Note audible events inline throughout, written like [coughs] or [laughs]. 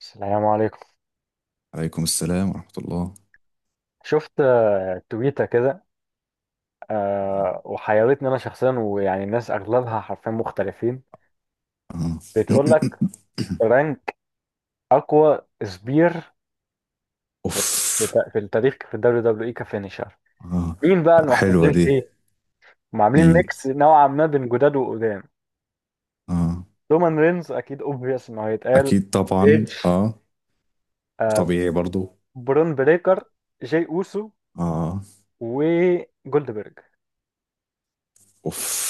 السلام عليكم. عليكم السلام ورحمة الله. شفت تويتة كده. وحيرتني أنا شخصيا، ويعني الناس أغلبها حرفيا مختلفين. آه. بتقول لك [coughs] رانك أقوى سبير في أوف. في التاريخ في الدبليو دبليو إي كفينيشر. آه. مين بقى اللي حلوة محطوطين دي. فيه؟ وعاملين مين. ميكس نوعا ما بين جداد وقدام. آه. رومان رينز أكيد أوبفيوس إنه هيتقال، أكيد طبعا إيدج، آه. آه، طبيعي برضو. برون بريكر، جاي أوسو، آه. وجولدبرج. أوف.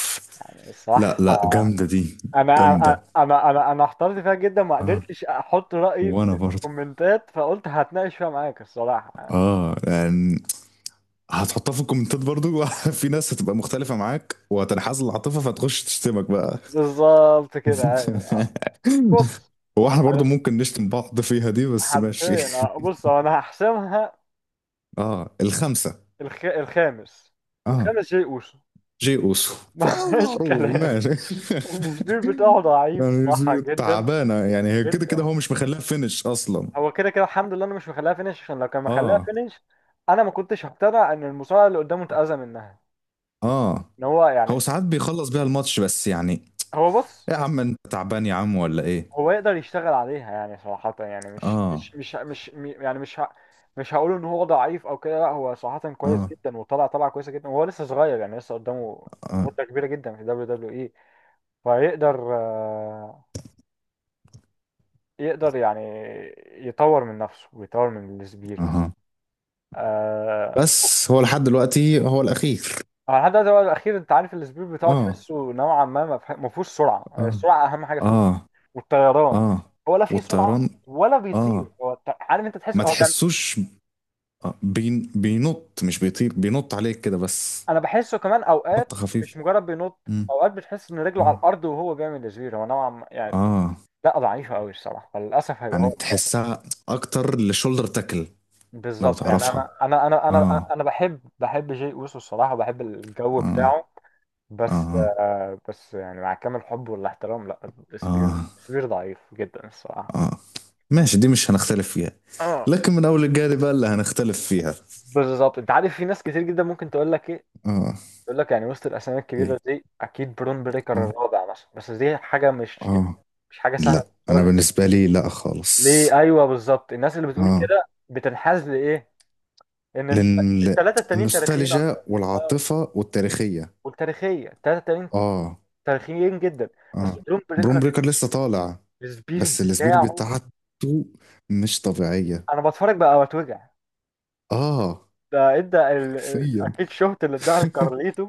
لا الصراحة لا، جامدة دي. انا انا جامدة. انا انا أنا احترت فيها جدا، ما آه، قدرتش احط رايي في وأنا برضو الكومنتات، فقلت هتناقش فيها معاك الصراحه. آه يعني هتحطها في الكومنتات برضو. [laughs] في ناس هتبقى مختلفة معاك وهتنحاز العاطفة فتخش تشتمك بقى. بالظبط كده، ايوه. [laughs] بص. هو احنا برضو علش- ممكن نشتم بعض فيها دي بس ماشي. حرفيا [laughs] بص، هو انا هحسمها. اه الخمسة. الخامس. اه الخامس شيء اوسو. جي اوسو. [laughs] ما فيهاش فمعروف كلام. ماشي. [laughs] السبير بتاعه ضعيف صح، يعني جدا. تعبانه، يعني هي كده جدا كده هو يعني. مش مخليها فينش اصلا. هو كده كده الحمد لله انا مش مخليها فينش، عشان لو كان مخليها اه. فينش انا ما كنتش هقتنع ان المصارع اللي قدامه اتاذى منها. اه. ان هو هو ساعات بيخلص بيها الماتش بس يعني إيه؟ هو بص، يا عم انت تعبان يا عم ولا ايه؟ هو يقدر يشتغل عليها يعني، صراحة يعني مش اه. مش مش مش م- يعني مش ه- مش هقول ان هو ضعيف او كده، لا هو صراحة كويس اه. جدا وطلع طلعة كويسة جدا، وهو لسه صغير يعني لسه قدامه اه. مدة كبيرة جدا في دبليو دبليو اي. فيقدر يقدر يعني يطور من نفسه ويطور من السبير مثلا. اه. آه، بس هو لحد دلوقتي هو الاخير. هو لحد دلوقتي هو الاخير. انت عارف السبير بتاعه اه. تحسه نوعا ما ما فيهوش سرعة، يعني اه. السرعة اهم حاجة في اه. والطيران. اه. هو لا فيه سرعة والطيران. ولا اه. بيطير، هو عارف، انت تحس ما هو تحسوش. بين بينط، مش بيطير، بينط عليك كده بس. انا بحسه كمان اوقات نطة مش خفيفة. مجرد بينط. مم. اوقات بتحس ان رجله على اه. الارض وهو بيعمل تزوير، هو نوعا ما يعني اه. لا، ضعيفه قوي الصراحه، فللاسف هيبقى يعني هو الخامس. تحسها اكتر لشولدر تاكل. لو بالظبط يعني تعرفها. انا انا انا انا اه. انا بحب بحب جي اوسو الصراحه، وبحب الجو اه. بتاعه، بس اه. آه، بس يعني مع كامل حب والاحترام، لا، اه. سبير ضعيف جدا الصراحه. اه. ماشي، دي مش هنختلف فيها. اه لكن من اول الجاري بقى اللي هنختلف فيها. بالظبط. انت عارف في ناس كتير جدا ممكن تقول لك ايه، اه. تقول لك يعني وسط الاسامي الكبيره ايه. دي اكيد برون بريكر اه. الرابع مثلا، بس دي حاجه مش يعني اه. مش حاجه لا سهله. انا بالنسبه لي لا خالص. ليه؟ ايوه بالظبط. الناس اللي بتقول اه. كده بتنحاز لايه؟ ان انت لان الثلاثه التانيين تاريخيين النوستالجيا اكتر. اه، والعاطفه والتاريخيه. والتاريخيه الثلاثه التانيين اه. تاريخيين جدا. بس اه. درون بروم بريكر بريكر لسه طالع. السبيش بس الاسبير بتاعه، بتاعته مش طبيعيه. انا بتفرج بقى واتوجع. اه. ده ادى حرفيا. اكيد شفت اللي اداها [laughs] لكارليتو.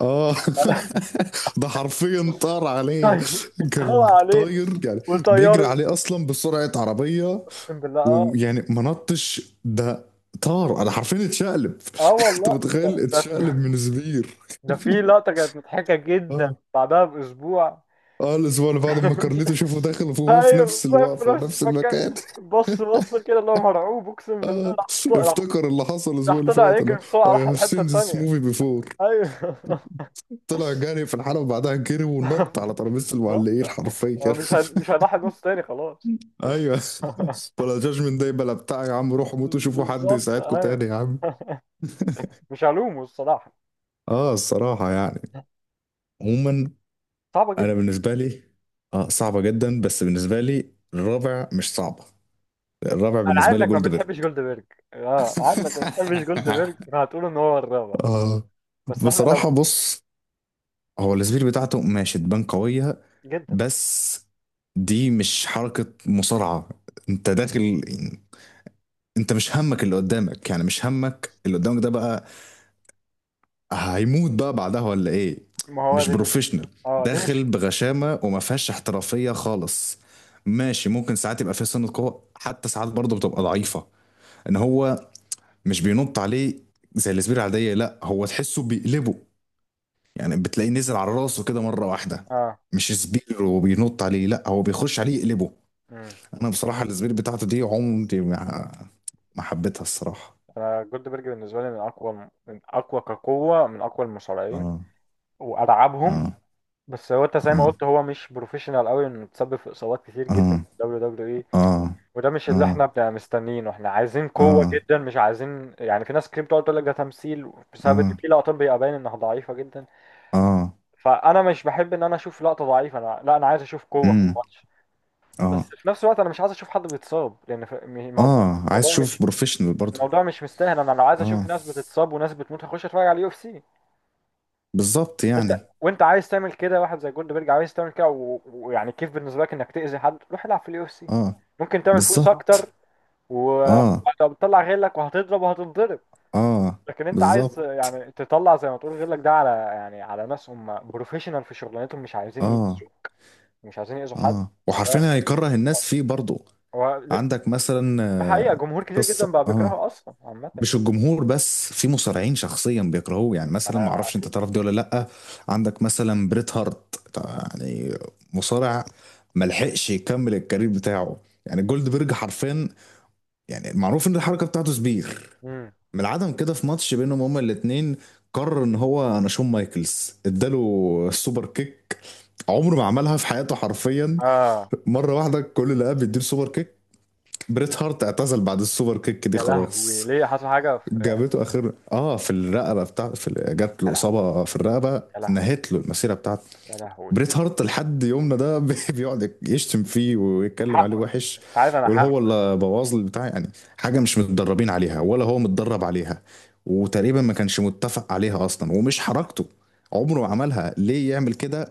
اه. [laughs] [laughs] ده حرفيا طار عليا. طيب، كان طلع عليه طاير يعني. بيجري وطيره، عليه اصلا بسرعه عربيه. اقسم بالله. اه، ويعني ما نطش ده، طار. انا حرفيا اتشقلب. [laughs] اه انت والله، ده متخيل ده في، اتشقلب من زبير؟ ده في [laughs] لقطه كانت مضحكه جدا اه. بعدها باسبوع. اه الاسبوع اللي بعده لما كارليتو شافه داخل وهو في ايوه نفس واقف في الوقفه نفس ونفس المكان. المكان. [laughs] بص، كده اللي هو مرعوب، اقسم بالله اه راح، افتكر اللي حصل الاسبوع راح اللي طلع فات اللي يجري هو بسرعه، راح I have الحته seen this التانيه. movie before. ايوه. طلع جري في الحلبة، بعدها جري ونط على [laughs] ترابيزة بالظبط. المعلقين أنا حرفيا. [laughs] مش هضحي نص تاني خلاص. ايوه. [laughs] ولا جاجمنت داي بلا بتاع، يا عم روحوا موتوا [laughs] شوفوا حد بالظبط، يساعدكم ايوه. تاني يا عم. مش هلومه الصراحه، اه الصراحة يعني. عموما صعبه انا جدا. بالنسبة لي. اه صعبة جدا، بس بالنسبة لي الرابع مش صعبة. الرابع انا عارف بالنسبة لي انك ما جولد بيرج. بتحبش جولدبرج. اه، عارف انك ما بتحبش جولدبرج [laughs] فهتقول ان هو الرابع. اه. بس احنا لو بصراحة بص، هو السبير بتاعته ماشي تبان قوية. جدا. بس دي مش حركة مصارعة. انت داخل، انت مش همك اللي قدامك، يعني مش همك اللي قدامك ده بقى، هيموت بقى بعدها ولا ايه؟ ما هو مش دي مش، بروفيشنال. اه دي داخل مش، بغشامه وما فيهاش احترافيه خالص. ماشي، ممكن ساعات يبقى فيها سنه قوه، حتى ساعات برضه بتبقى ضعيفه. ان هو مش بينط عليه زي السبير العاديه، لا هو تحسه بيقلبه. يعني بتلاقيه نزل على راسه كده مره واحده. اه. مش سبير وبينط عليه، لا هو بيخش عليه يقلبه. مم. انا بصراحه السبير بتاعته دي عمري ما حبيتها الصراحه. انا جولدبرج بالنسبه لي من اقوى كقوه، من اقوى المصارعين اه. والعبهم. اه. بس هو، انت زي ما اه. قلت، هو مش بروفيشنال قوي، انه تسبب في اصابات كتير اه. جدا في الدبليو دبليو اي. اه. وده مش اللي اه. احنا بنبقى مستنيينه، احنا عايزين قوه اه. جدا، مش عايزين يعني. في ناس كتير بتقعد تقول لك ده تمثيل بسبب ان آه. في لقطات بيبقى باين انها ضعيفه جدا. اه. فانا مش بحب ان انا اشوف لقطه ضعيفه، انا لا، انا عايز اشوف قوه في امم. الماتش. بس اه. في نفس الوقت انا مش عايز اشوف حد بيتصاب، لان الموضوع، اه عايز الموضوع مش اشوف بروفيشنال برضو. الموضوع مش مستاهل. انا لو عايز اشوف اه ناس بتتصاب وناس بتموت هخش اتفرج على اليو اف سي. بالظبط انت، يعني. وانت عايز تعمل كده، واحد زي جولدبرج عايز تعمل كده ويعني كيف بالنسبه لك انك تاذي حد، روح العب في اليو اف سي. اه. ممكن تعمل فلوس صح، بالظبط. اكتر. اه. وهتطلع غيرك وهتضرب وهتنضرب. اه. لكن انت عايز بالظبط. بالظبط يعني تطلع زي ما تقول غيرك ده على يعني، على ناس هم بروفيشنال في شغلانتهم، مش عايزين اه. يأذوا، مش عايزين يأذوا حد. اه فده وحرفيا هيكره الناس فيه برضو. هو ده، عندك مثلا ده حقيقه جمهور كتير جدا قصة بقى اه، بيكرهه اصلا عامه مش يعني. الجمهور بس، في مصارعين شخصيا بيكرهوه يعني. مثلا ما آه. اعرفش انت تعرف دي ولا لا. عندك مثلا بريت هارت يعني، مصارع ملحقش يكمل الكارير بتاعه. يعني جولد بيرج حرفيا، يعني معروف ان الحركه بتاعته سبير، مم. من العدم كده في ماتش بينهم هما الاتنين قرر ان هو، انا شون مايكلز اداله السوبر كيك، عمره ما عملها في حياته حرفيا، آه. مره واحده كل اللي قام بيديله سوبر كيك. بريت هارت اعتزل بعد السوبر كيك دي يا لهوي، خلاص. ليه؟ حصل حاجه في يعني؟ جابته اخر في الرقبه بتاع جات يا له لهوي. اصابه في الرقبه، يا لهوي. نهت له المسيره بتاعته. يا لهوي. بريت هارت لحد يومنا ده [laughs] بيقعد يشتم فيه ويتكلم حقه. عليه وحش. انت عارف انا يقول هو حق. اللي بوظ لي البتاع يعني. حاجه مش متدربين عليها ولا هو متدرب عليها، وتقريبا ما كانش متفق عليها اصلا ومش حركته، عمره ما عملها. ليه يعمل كده؟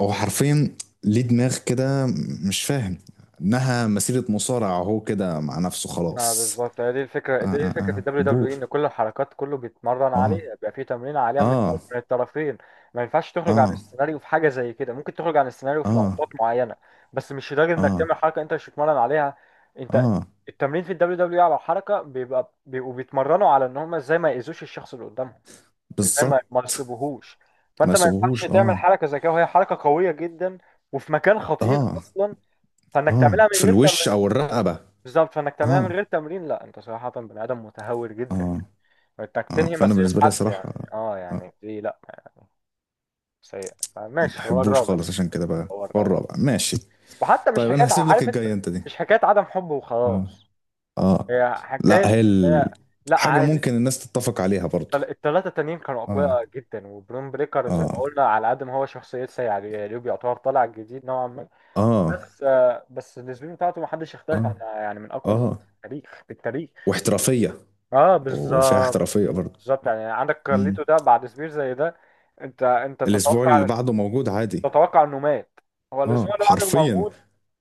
هو حرفيا ليه دماغ كده، مش فاهم انها مسيره مصارعه. هو كده مع نفسه اه خلاص. بالظبط، هي دي الفكرة، اه. دي اه الفكرة في اه الدبليو دبليو اي، حبوش. ان كل الحركات كله بيتمرن اه. عليها، بيبقى فيه تمرين عليها من اه. من الطرفين. ما ينفعش تخرج عن اه. السيناريو في حاجة زي كده. ممكن تخرج عن السيناريو في اه. لقطات معينة، بس مش لدرجة انك اه. تعمل حركة انت مش بتتمرن عليها. انت، اه. التمرين في الدبليو دبليو اي على الحركة بيبقوا بيتمرنوا على ان هم ازاي ما يأذوش الشخص اللي قدامهم، ازاي ما بالظبط يصيبوهوش. ما فانت ما ينفعش سبهوش تعمل اه. حركة زي كده وهي حركة قوية جدا وفي مكان خطير اه. اصلا، فانك اه تعملها في من غير الوش تمرين. او الرقبه. بالظبط، فانك تعملها من اه. غير تمرين، لا، انت صراحة بني ادم متهور جدا. اه. انك اه تنهي فانا مسيرة بالنسبه لي حد يعني، صراحه، اه آه، يعني دي لا. سيء. ما ماشي، هو بحبوش الرابع. خالص عشان كده بقى. هو هو الرابع. الرابع ماشي. وحتى مش طيب انا حكاية هسيب لك عارف انت، الجاي انت دي. مش حكاية عدم حب اه. وخلاص. اه. هي لا حكاية، هي هي ال... لا حاجه عادي. ممكن الناس تتفق عليها برضو. التلاتة التانيين كانوا اه. أقوياء جدا، وبرون بريكر زي ما اه. قلنا على قد ما هو شخصية سيئة اليوب يعتبر طالع جديد نوعا ما، اه. بس آه، بس السبين بتاعته محدش يختلف اه. عنها، يعني من أقوى اه التاريخ، في التاريخ. واحترافيه. اه وفيها بالظبط. احترافيه برضو. بالظبط يعني عندك امم. كارليتو ده بعد سبير زي ده، انت الاسبوع اللي تتوقع، بعده موجود عادي. تتوقع انه مات. هو الاسبوع اه اللي بعده حرفيا. موجود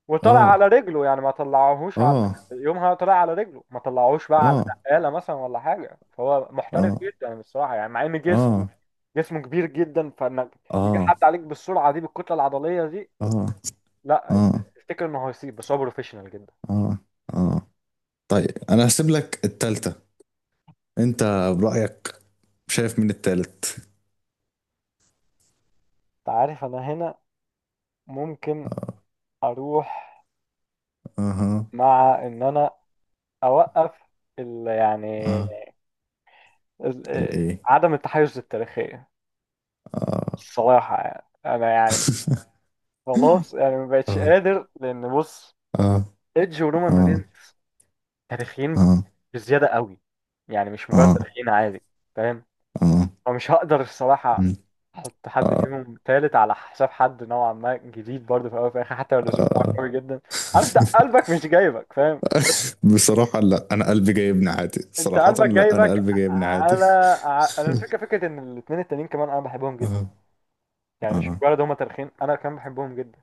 وطلع اه. على رجله، يعني ما طلعوهوش على، اه. يومها طلع على رجله، ما طلعوهوش بقى على اه. نقاله مثلا ولا حاجه. فهو محترف اه. جدا بصراحه، يعني مع ان جسمه، اه. جسمه كبير جدا، فانك يجي حد اه. عليك بالسرعه دي بالكتله العضليه دي، اه. لا، اه. تفتكر انه هيسيب، بس هو بروفيشنال جدا. اه. اه طيب انا هسيب لك التالتة. انت برأيك شايف مين التالت؟ انت عارف انا هنا ممكن آه، اروح، اها. مع ان انا اوقف ال- اه. يعني اه. ال- الايه. عدم التحيز التاريخية اه. الصراحة يعني، أنا يعني [laughs] خلاص يعني، ما بقتش اه. قادر. لأن بص، اه. إيدج ورومان اه. رينز تاريخيين اه. بزيادة قوي، يعني مش مجرد اه. تاريخيين عادي، فاهم؟ اه. فمش هقدر الصراحة مم. أحط حد اه. فيهم تالت على حساب حد نوعا ما جديد برضه في الأول وفي الآخر، حتى لو الأسلوب بتاعه اه. قوي جدا. عارف، ده [laughs] قلبك مش جايبك، فاهم، بس بصراحة لا، انا قلبي جايبني عادي. أنت صراحة قلبك لا، انا جايبك قلبي جايبني عادي. على، أنا الفكرة فكرة إن الاتنين التانيين كمان أنا بحبهم [laughs] جدا. اه. يعني مش اه مجرد هما تاريخيين، أنا كمان بحبهم جدا.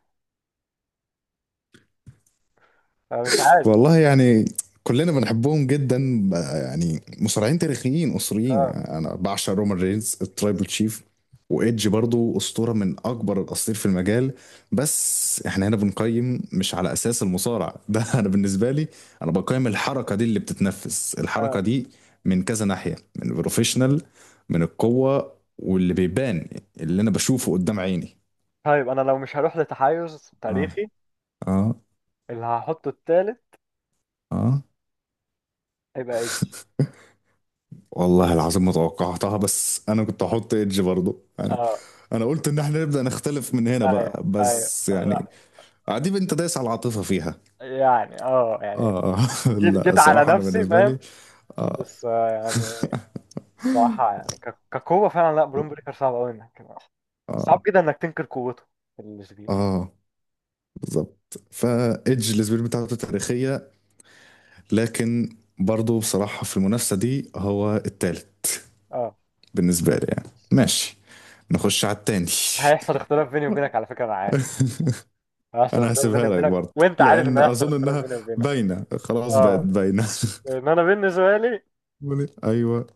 أنا مش عارف. والله يعني، كلنا بنحبهم جدا بقى، يعني مصارعين تاريخيين اسطوريين. اه، يعني انا بعشق رومان رينز الترايبل تشيف، وايدج برضو اسطوره من اكبر الاساطير في المجال. بس احنا هنا بنقيم مش على اساس المصارع ده. [laughs] انا بالنسبه لي، انا بقيم الحركه دي، اللي بتتنفس الحركه اه. دي من كذا ناحيه، من البروفيشنال، من القوه، واللي بيبان اللي انا بشوفه قدام عيني. طيب انا لو مش هروح لتحيز اه. تاريخي، اه. اللي هحطه التالت اه هيبقى ايدج. والله العظيم ما توقعتها، بس انا كنت هحط ايدج برضه يعني. اه انا قلت ان احنا نبدأ نختلف من هنا ايوه، بقى، ايوه بس لا، يعني عديب انت دايس على العاطفة فيها. يعني اه يعني، اه. [laughs] جيت لا جيت على الصراحة انا نفسي، بالنسبة فاهم. لي. اه. بس آه، يعني الصراحة يعني كقوة فعلا لا، برون بريكر صعب قوي انك [laughs] صعب اه. جدا انك تنكر قوته الكبير. اه. بالظبط، فايدج السبيل بتاعته تاريخية، لكن برضه بصراحة في المنافسة دي هو التالت اه. بالنسبة لي يعني. ماشي، نخش على التاني. هيحصل اختلاف بيني وبينك على فكرة، انا عارف [laughs] هيحصل انا اختلاف بيني هسيبها لك وبينك، برضه، وانت عارف ان لان هيحصل اظن اختلاف انها بيني وبينك. باينه، خلاص بقت اه، باينه. ان انا بالنسبة لي [laughs] ايوه.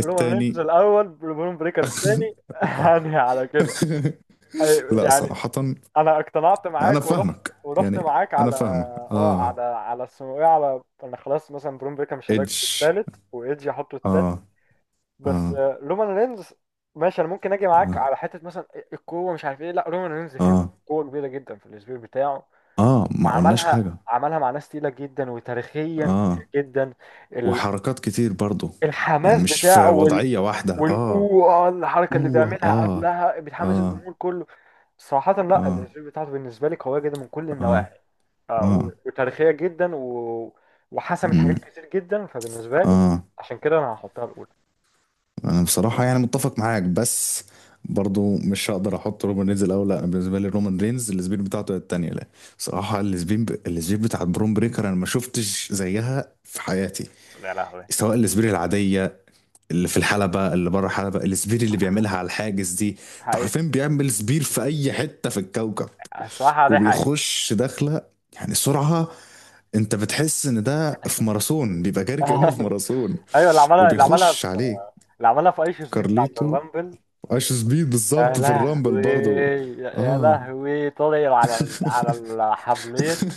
رومان رينز الاول، برون بريكر الثاني. [laughs] [laughs] هاني على كده. لا يعني صراحه، انا اقتنعت انا معاك ورحت، فاهمك ورحت يعني. معاك انا على، فاهمك. اه اه على على اسمه ايه، على انا خلاص مثلا برون بريكر مش هداك ايدج. الثالث، وايدج هحطه الثالث. اه. بس اه. آه، رومان رينز ماشي، انا ممكن اجي معاك اه. على حته مثلا القوه مش عارف ايه، لا رومان رينز فيها اه. قوه كبيره جدا في الاسبوع بتاعه، اه ما قلناش وعملها، حاجه. عملها مع ناس تقيله جدا وتاريخيا كتير اه جدا. وحركات كتير برضه، يعني الحماس مش في بتاعه وال، وضعيه واحده. اه. والأوه الحركة اللي اوه بيعملها اه. قبلها بتحمس اه. الجمهور كله. صراحة اه. لا اه. الأسلوب بتاعته بالنسبة لي قوية جدا من كل اه. النواحي. آه، وتاريخية جدا و... وحسمت مم، حاجات كتير جدا، فبالنسبة لي اه عشان كده أنا هحطها الأولى. انا بصراحة يعني متفق معاك، بس برضو مش هقدر احط رومان رينز الاول. لا أنا بالنسبة لي رومان رينز السبين بتاعته هي التانية، لا. بصراحة السبين بتاعت برون بريكر انا ما شفتش زيها في حياتي. يا لهوي. سواء السبين العادية اللي في الحلبة، اللي بره الحلبة، السبير اللي بيعملها على الحاجز دي. انت حقيقة. عارفين بيعمل سبير في اي حتة في الكوكب. الصراحة دي حقيقة. وبيخش داخلة، يعني سرعة، انت بتحس ان ده في ماراثون، بيبقى جاري كأنه في [laughs] ماراثون. أيوه، اللي عملها، اللي عملها وبيخش في عليك. اللي عملها في أيش سبيد بتاعت كارليتو. الرامبل. عاش سبيد يا بالظبط في الرامبل لهوي. برضو. يا يا اه. لهوي طلع على، على الحبلين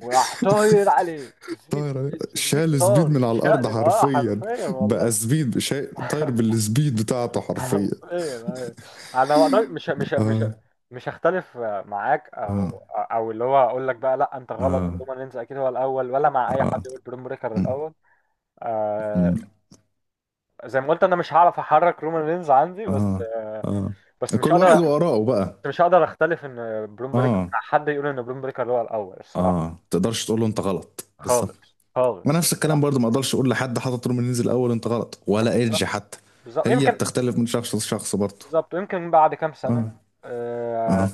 وراح طاير عليه سبيد. طاير سبيد شال سبيد طار، من على الارض اتشقلب اه حرفيا. حرفيا والله. طاير [laughs] بالسبيد بتاعته حرفيا، حرفيا. أيوة. انا ما أقدر- اه. مش هختلف معاك، اه. او اللي هو اقول لك بقى لا انت غلط اه. ورومان رينز اكيد هو الاول، ولا مع اي حد اه. يقول بروم بريكر م- الاول. آه، م- زي ما قلت انا مش هعرف احرك رومان رينز عندي، بس اه. آه اه. بس مش كل واحد هقدر، وآراءه بقى. مش هقدر اختلف ان بروم بريكر، اه. حد يقول ان بروم بريكر هو الاول الصراحه، اه تقدرش تقول له انت غلط بالظبط. خالص خالص ونفس الكلام صراحه. برضو، ما اقدرش اقول لحد حاطط طول من ينزل الاول انت غلط، ولا ايدج بالظبط. حتى. بالظبط هي يمكن، بتختلف من شخص لشخص برضو. بالظبط، ويمكن بعد كام سنة اه. آه، اه.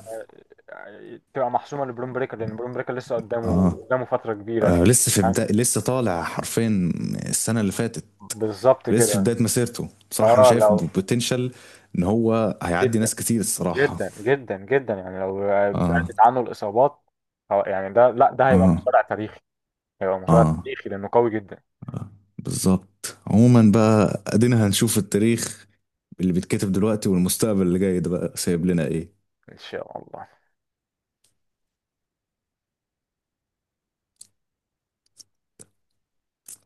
تبقى محسومة لبرون بريكر، لأن برون بريكر لسه قدامه، اه. قدامه فترة كبيرة آه شوية. يعني لسه طالع حرفيا، السنة اللي فاتت. بالظبط لسه في كده. بداية مسيرته، بصراحة أنا فاه شايف لو، بوتنشال إن هو هيعدي جدا ناس كتير الصراحة. يعني لو آه. بعدت عنه الإصابات يعني ده لا، ده هيبقى آه. مصارع تاريخي، هيبقى مصارع آه. تاريخي لأنه قوي جدا. آه. بالظبط. عموما بقى أدينا هنشوف التاريخ اللي بيتكتب دلوقتي والمستقبل اللي جاي ده بقى سايب لنا إيه. إن شاء الله.